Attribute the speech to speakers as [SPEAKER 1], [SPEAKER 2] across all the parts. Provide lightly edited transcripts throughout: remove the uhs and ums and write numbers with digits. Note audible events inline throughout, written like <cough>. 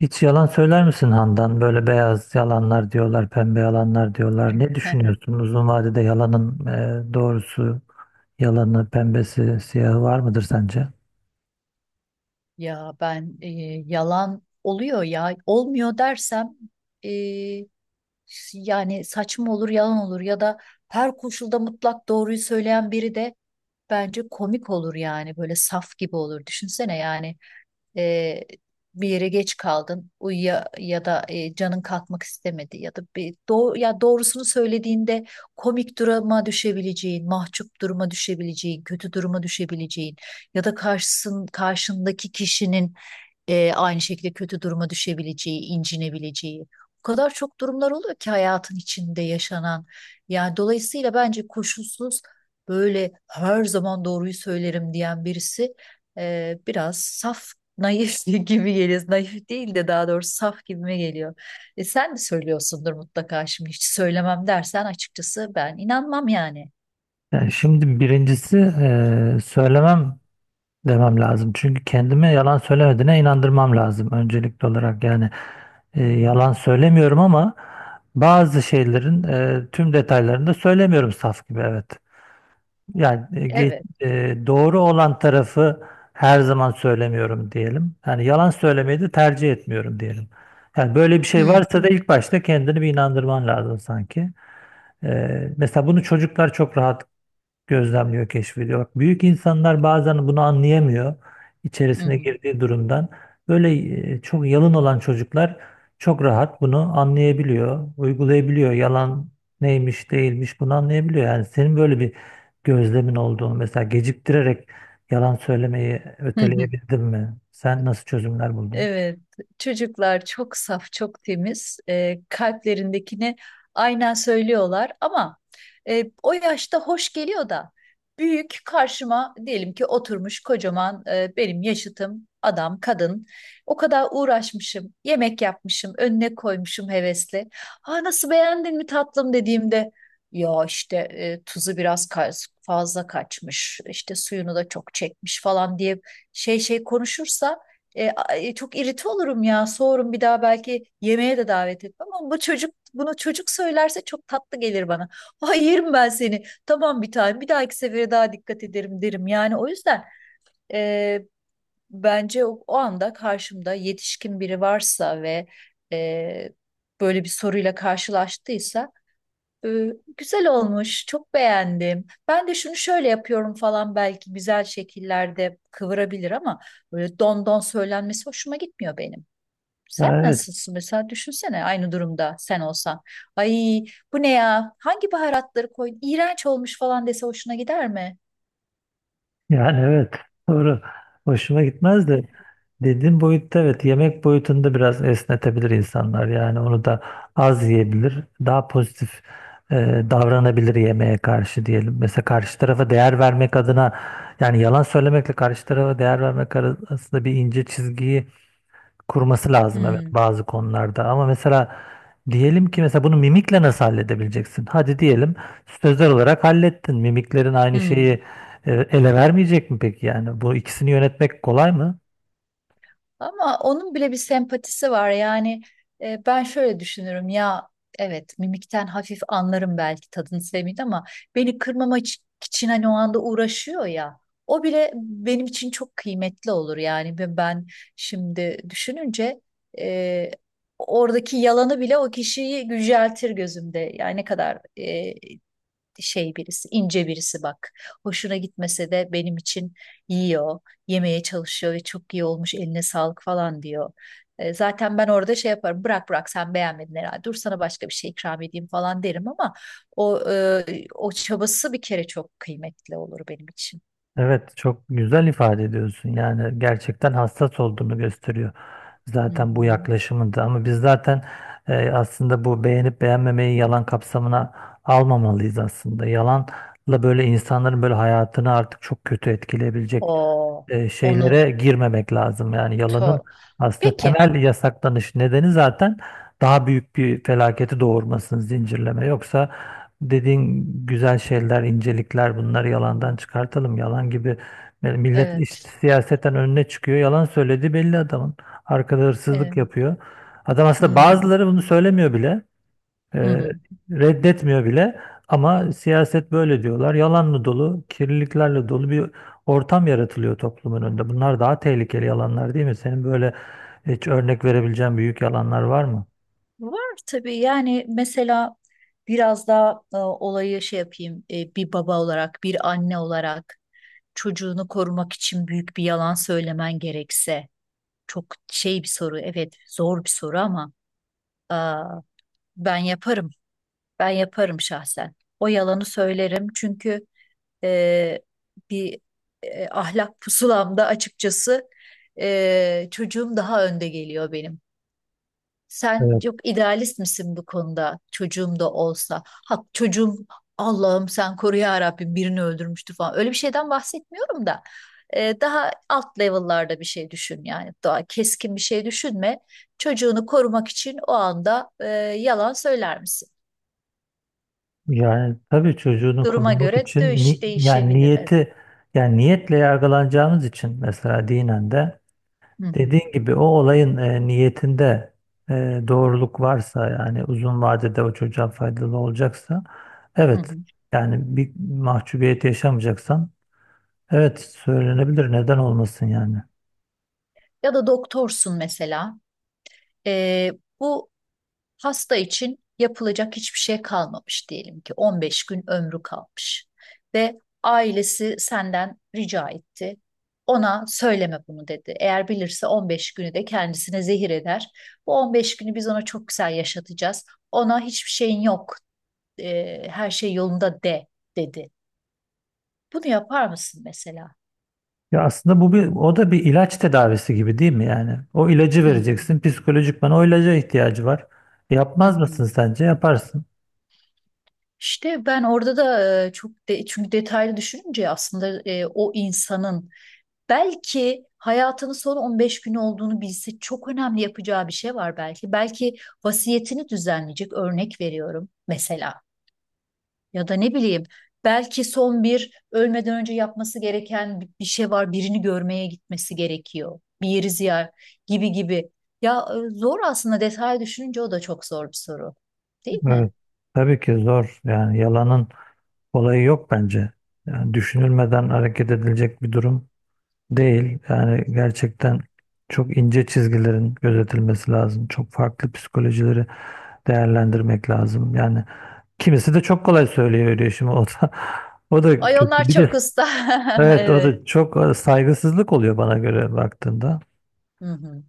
[SPEAKER 1] Hiç yalan söyler misin Handan? Böyle beyaz yalanlar diyorlar, pembe yalanlar diyorlar. Ne düşünüyorsun?
[SPEAKER 2] <laughs>
[SPEAKER 1] Uzun vadede yalanın doğrusu, yalanı, pembesi, siyahı var mıdır sence?
[SPEAKER 2] Ya ben yalan oluyor ya olmuyor dersem, e, yani saçma olur yalan olur ya da her koşulda mutlak doğruyu söyleyen biri de bence komik olur, yani böyle saf gibi olur, düşünsene. Yani e, bir yere geç kaldın uyuya ya da canın kalkmak istemedi ya da ya doğrusunu söylediğinde komik duruma düşebileceğin, mahcup duruma düşebileceğin, kötü duruma düşebileceğin ya da karşındaki kişinin aynı şekilde kötü duruma düşebileceği, incinebileceği. O kadar çok durumlar oluyor ki hayatın içinde yaşanan. Yani dolayısıyla bence koşulsuz böyle her zaman doğruyu söylerim diyen birisi biraz saf, naif <laughs> gibi geliyor. Naif değil de daha doğrusu saf gibime geliyor. Sen de söylüyorsundur mutlaka. Şimdi hiç söylemem dersen açıkçası ben inanmam yani.
[SPEAKER 1] Yani şimdi birincisi söylemem demem lazım. Çünkü kendime yalan söylemediğine inandırmam lazım öncelikli olarak. Yani
[SPEAKER 2] Hı
[SPEAKER 1] yalan
[SPEAKER 2] hı.
[SPEAKER 1] söylemiyorum ama bazı şeylerin tüm detaylarını da söylemiyorum saf gibi evet. Yani e, ge-
[SPEAKER 2] Evet.
[SPEAKER 1] doğru olan tarafı her zaman söylemiyorum diyelim. Yani yalan söylemeyi de tercih etmiyorum diyelim. Yani böyle bir şey
[SPEAKER 2] Hı
[SPEAKER 1] varsa da ilk başta kendini bir inandırman lazım sanki. Mesela bunu çocuklar çok rahat gözlemliyor, keşfediyor. Bak, büyük insanlar bazen bunu anlayamıyor içerisine
[SPEAKER 2] hı.
[SPEAKER 1] girdiği durumdan. Böyle çok yalın olan çocuklar çok rahat bunu anlayabiliyor, uygulayabiliyor. Yalan neymiş, değilmiş bunu anlayabiliyor. Yani senin böyle bir gözlemin olduğunu mesela geciktirerek yalan söylemeyi
[SPEAKER 2] Hı. Hı. <laughs>
[SPEAKER 1] öteleyebildin mi? Sen nasıl çözümler buldun?
[SPEAKER 2] Evet, çocuklar çok saf, çok temiz. Kalplerindekini aynen söylüyorlar ama o yaşta hoş geliyor da büyük karşıma diyelim ki oturmuş kocaman, benim yaşıtım adam, kadın. O kadar uğraşmışım, yemek yapmışım, önüne koymuşum hevesli. "Ha, nasıl, beğendin mi tatlım?" dediğimde "Ya işte tuzu fazla kaçmış, işte suyunu da çok çekmiş" falan diye şey konuşursa çok irite olurum ya. Soğurum, bir daha belki yemeğe de davet etmem. Ama bu çocuk bunu, çocuk söylerse çok tatlı gelir bana. <laughs> Ay, yerim ben seni. Tamam, bir tane. Bir dahaki sefere daha dikkat ederim derim. Yani o yüzden e, bence o anda karşımda yetişkin biri varsa ve e, böyle bir soruyla karşılaştıysa, ee, "Güzel olmuş, çok beğendim. Ben de şunu şöyle yapıyorum" falan belki güzel şekillerde kıvırabilir ama böyle don don söylenmesi hoşuma gitmiyor benim. Sen
[SPEAKER 1] Ya, evet.
[SPEAKER 2] nasılsın mesela, düşünsene aynı durumda sen olsan. Ay, bu ne ya? Hangi baharatları koydun? İğrenç olmuş falan dese hoşuna gider mi?
[SPEAKER 1] Yani evet, doğru. Hoşuma gitmez de dediğin boyutta, evet, yemek boyutunda biraz esnetebilir insanlar. Yani onu da az yiyebilir. Daha pozitif e, davranabilir yemeğe karşı diyelim. Mesela karşı tarafa değer vermek adına, yani yalan söylemekle karşı tarafa değer vermek arasında bir ince çizgiyi kurması lazım, evet,
[SPEAKER 2] Hmm.
[SPEAKER 1] bazı konularda ama mesela diyelim ki mesela bunu mimikle nasıl halledebileceksin? Hadi diyelim sözler olarak hallettin. Mimiklerin aynı
[SPEAKER 2] Hmm.
[SPEAKER 1] şeyi ele vermeyecek mi peki yani? Bu ikisini yönetmek kolay mı?
[SPEAKER 2] Ama onun bile bir sempatisi var. Yani ben şöyle düşünürüm ya, evet mimikten hafif anlarım, belki tadını sevmeyeyim ama beni kırmama iç- için, hani, o anda uğraşıyor ya. O bile benim için çok kıymetli olur yani. Ve ben şimdi düşününce e, oradaki yalanı bile o kişiyi yüceltir gözümde. Yani ne kadar şey birisi, ince birisi, bak. Hoşuna gitmese de benim için yiyor, yemeye çalışıyor ve "çok iyi olmuş, eline sağlık" falan diyor. Zaten ben orada şey yaparım, "bırak bırak sen beğenmedin herhalde, dur sana başka bir şey ikram edeyim" falan derim ama o çabası bir kere çok kıymetli olur benim için.
[SPEAKER 1] Evet, çok güzel ifade ediyorsun, yani gerçekten hassas olduğunu gösteriyor
[SPEAKER 2] Hı
[SPEAKER 1] zaten
[SPEAKER 2] hı.
[SPEAKER 1] bu yaklaşımında. Ama biz zaten aslında bu beğenip beğenmemeyi yalan kapsamına almamalıyız aslında. Yalanla böyle insanların böyle hayatını artık çok kötü etkileyebilecek
[SPEAKER 2] O onu
[SPEAKER 1] şeylere girmemek lazım. Yani yalanın
[SPEAKER 2] tör.
[SPEAKER 1] aslında
[SPEAKER 2] Peki.
[SPEAKER 1] temel yasaklanış nedeni zaten daha büyük bir felaketi doğurmasın zincirleme. Yoksa dediğin güzel şeyler, incelikler, bunları
[SPEAKER 2] Hı
[SPEAKER 1] yalandan
[SPEAKER 2] hı.
[SPEAKER 1] çıkartalım. Yalan gibi, yani millet
[SPEAKER 2] Evet.
[SPEAKER 1] işte siyasetten önüne çıkıyor. Yalan söylediği belli adamın. Arkada
[SPEAKER 2] e,
[SPEAKER 1] hırsızlık yapıyor. Adam aslında,
[SPEAKER 2] hmm,
[SPEAKER 1] bazıları bunu söylemiyor bile.
[SPEAKER 2] hı
[SPEAKER 1] e,
[SPEAKER 2] hı.
[SPEAKER 1] Reddetmiyor bile. Ama siyaset böyle diyorlar. Yalanla dolu, kirliliklerle dolu bir ortam yaratılıyor toplumun önünde. Bunlar daha tehlikeli yalanlar değil mi? Senin böyle hiç örnek verebileceğin büyük yalanlar var mı?
[SPEAKER 2] Var tabii, yani mesela biraz daha olayı şey yapayım, bir baba olarak, bir anne olarak çocuğunu korumak için büyük bir yalan söylemen gerekse çok şey bir soru, evet, zor bir soru ama aa, ben yaparım, şahsen o yalanı söylerim, çünkü e, bir ahlak pusulamda açıkçası çocuğum daha önde geliyor benim. Sen
[SPEAKER 1] Evet.
[SPEAKER 2] yok, idealist misin bu konuda çocuğum da olsa? Ha, çocuğum, Allah'ım sen koru ya Rabbim, birini öldürmüştü falan, öyle bir şeyden bahsetmiyorum da daha alt level'larda bir şey düşün yani. Daha keskin bir şey düşünme. Çocuğunu korumak için o anda yalan söyler misin?
[SPEAKER 1] Yani tabii çocuğunu
[SPEAKER 2] Duruma
[SPEAKER 1] korumak
[SPEAKER 2] göre
[SPEAKER 1] için
[SPEAKER 2] dövüş
[SPEAKER 1] yani
[SPEAKER 2] değişebilir. Evet.
[SPEAKER 1] niyeti, yani niyetle yargılanacağımız için mesela dinen de
[SPEAKER 2] Hı hı,
[SPEAKER 1] dediğin gibi o olayın niyetinde doğruluk varsa, yani uzun vadede o çocuğa faydalı olacaksa,
[SPEAKER 2] hı
[SPEAKER 1] evet,
[SPEAKER 2] hı.
[SPEAKER 1] yani bir mahcubiyet yaşamayacaksan evet, söylenebilir. Neden olmasın yani?
[SPEAKER 2] Ya da doktorsun mesela. E, bu hasta için yapılacak hiçbir şey kalmamış diyelim ki, 15 gün ömrü kalmış ve ailesi senden rica etti. "Ona söyleme bunu" dedi. "Eğer bilirse 15 günü de kendisine zehir eder. Bu 15 günü biz ona çok güzel yaşatacağız. Ona hiçbir şeyin yok, her şey yolunda de" dedi. Bunu yapar mısın mesela?
[SPEAKER 1] Ya aslında bu bir, o da bir ilaç tedavisi gibi değil mi yani? O ilacı
[SPEAKER 2] Hı hı,
[SPEAKER 1] vereceksin. Psikolojikman o ilaca ihtiyacı var.
[SPEAKER 2] hı
[SPEAKER 1] Yapmaz
[SPEAKER 2] hı.
[SPEAKER 1] mısın sence? Yaparsın.
[SPEAKER 2] İşte ben orada da çünkü detaylı düşününce aslında o insanın, belki hayatının son 15 günü olduğunu bilse çok önemli yapacağı bir şey var belki. Belki vasiyetini düzenleyecek, örnek veriyorum mesela. Ya da ne bileyim belki son bir, ölmeden önce yapması gereken bir şey var. Birini görmeye gitmesi gerekiyor, bir yeri ziyaret, gibi gibi. Ya zor aslında, detay düşününce o da çok zor bir soru. Değil mi?
[SPEAKER 1] Evet. Tabii ki zor. Yani yalanın olayı yok bence. Yani düşünülmeden hareket edilecek bir durum değil. Yani gerçekten çok ince çizgilerin gözetilmesi lazım. Çok farklı psikolojileri değerlendirmek lazım. Yani kimisi de çok kolay söylüyor diyor şimdi, o da <laughs> o da
[SPEAKER 2] Ay,
[SPEAKER 1] kötü.
[SPEAKER 2] onlar
[SPEAKER 1] Bir
[SPEAKER 2] çok
[SPEAKER 1] de
[SPEAKER 2] usta. <laughs>
[SPEAKER 1] evet o
[SPEAKER 2] Evet.
[SPEAKER 1] da çok saygısızlık oluyor bana göre baktığında.
[SPEAKER 2] Hı hı.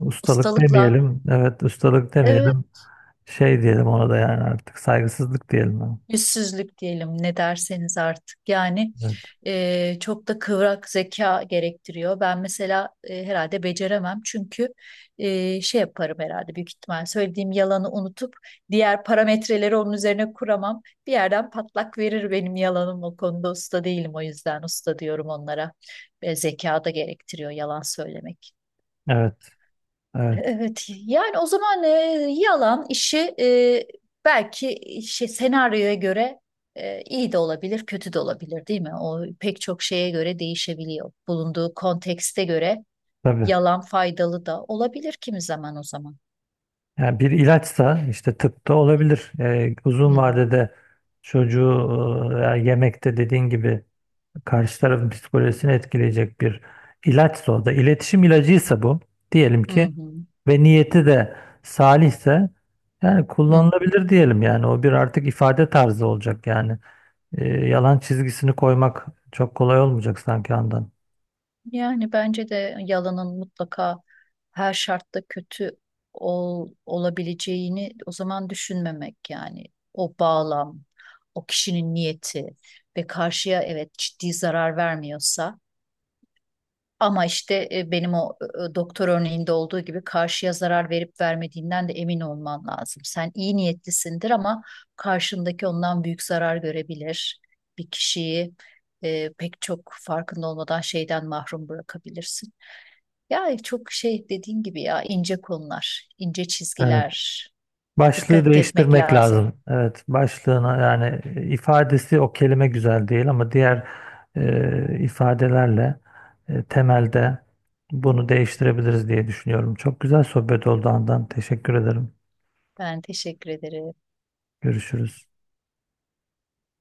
[SPEAKER 1] Ustalık
[SPEAKER 2] Ustalıkla.
[SPEAKER 1] demeyelim. Evet, ustalık
[SPEAKER 2] Evet.
[SPEAKER 1] demeyelim. Şey diyelim ona da, yani artık saygısızlık diyelim.
[SPEAKER 2] Yüzsüzlük diyelim, ne derseniz artık yani,
[SPEAKER 1] Evet.
[SPEAKER 2] çok da kıvrak zeka gerektiriyor. Ben mesela herhalde beceremem, çünkü şey yaparım herhalde, büyük ihtimal söylediğim yalanı unutup diğer parametreleri onun üzerine kuramam. Bir yerden patlak verir benim yalanım, o konuda usta değilim, o yüzden usta diyorum onlara. Zeka da gerektiriyor yalan söylemek.
[SPEAKER 1] Evet. Evet.
[SPEAKER 2] Evet, yani o zaman yalan işi, belki, şey, senaryoya göre iyi de olabilir, kötü de olabilir, değil mi? O pek çok şeye göre değişebiliyor. Bulunduğu kontekste göre
[SPEAKER 1] Tabii.
[SPEAKER 2] yalan faydalı da olabilir kimi zaman, o zaman.
[SPEAKER 1] Yani bir ilaçsa, işte tıpta olabilir.
[SPEAKER 2] Hı
[SPEAKER 1] Uzun
[SPEAKER 2] hı,
[SPEAKER 1] vadede çocuğu veya yemekte dediğin gibi karşı tarafın psikolojisini etkileyecek bir ilaçsa, o da iletişim ilacıysa bu, diyelim
[SPEAKER 2] hı
[SPEAKER 1] ki,
[SPEAKER 2] hı,
[SPEAKER 1] ve niyeti de salihse, yani
[SPEAKER 2] hı hı.
[SPEAKER 1] kullanılabilir diyelim, yani o bir artık ifade tarzı olacak yani. Yalan çizgisini koymak çok kolay olmayacak sanki andan.
[SPEAKER 2] Yani bence de yalanın mutlaka her şartta kötü olabileceğini o zaman düşünmemek, yani o bağlam, o kişinin niyeti ve karşıya, evet, ciddi zarar vermiyorsa. Ama işte benim o, doktor örneğinde olduğu gibi, karşıya zarar verip vermediğinden de emin olman lazım. Sen iyi niyetlisindir ama karşındaki ondan büyük zarar görebilir. Bir kişiyi pek çok, farkında olmadan şeyden mahrum bırakabilirsin. Ya çok şey, dediğin gibi ya, ince konular, ince çizgiler.
[SPEAKER 1] Başlığı
[SPEAKER 2] Dikkat etmek
[SPEAKER 1] değiştirmek
[SPEAKER 2] lazım.
[SPEAKER 1] lazım. Evet, başlığına, yani ifadesi o kelime güzel değil ama diğer ifadelerle temelde bunu değiştirebiliriz diye düşünüyorum. Çok güzel sohbet oldu Handan. Teşekkür ederim.
[SPEAKER 2] Ben teşekkür ederim.
[SPEAKER 1] Görüşürüz.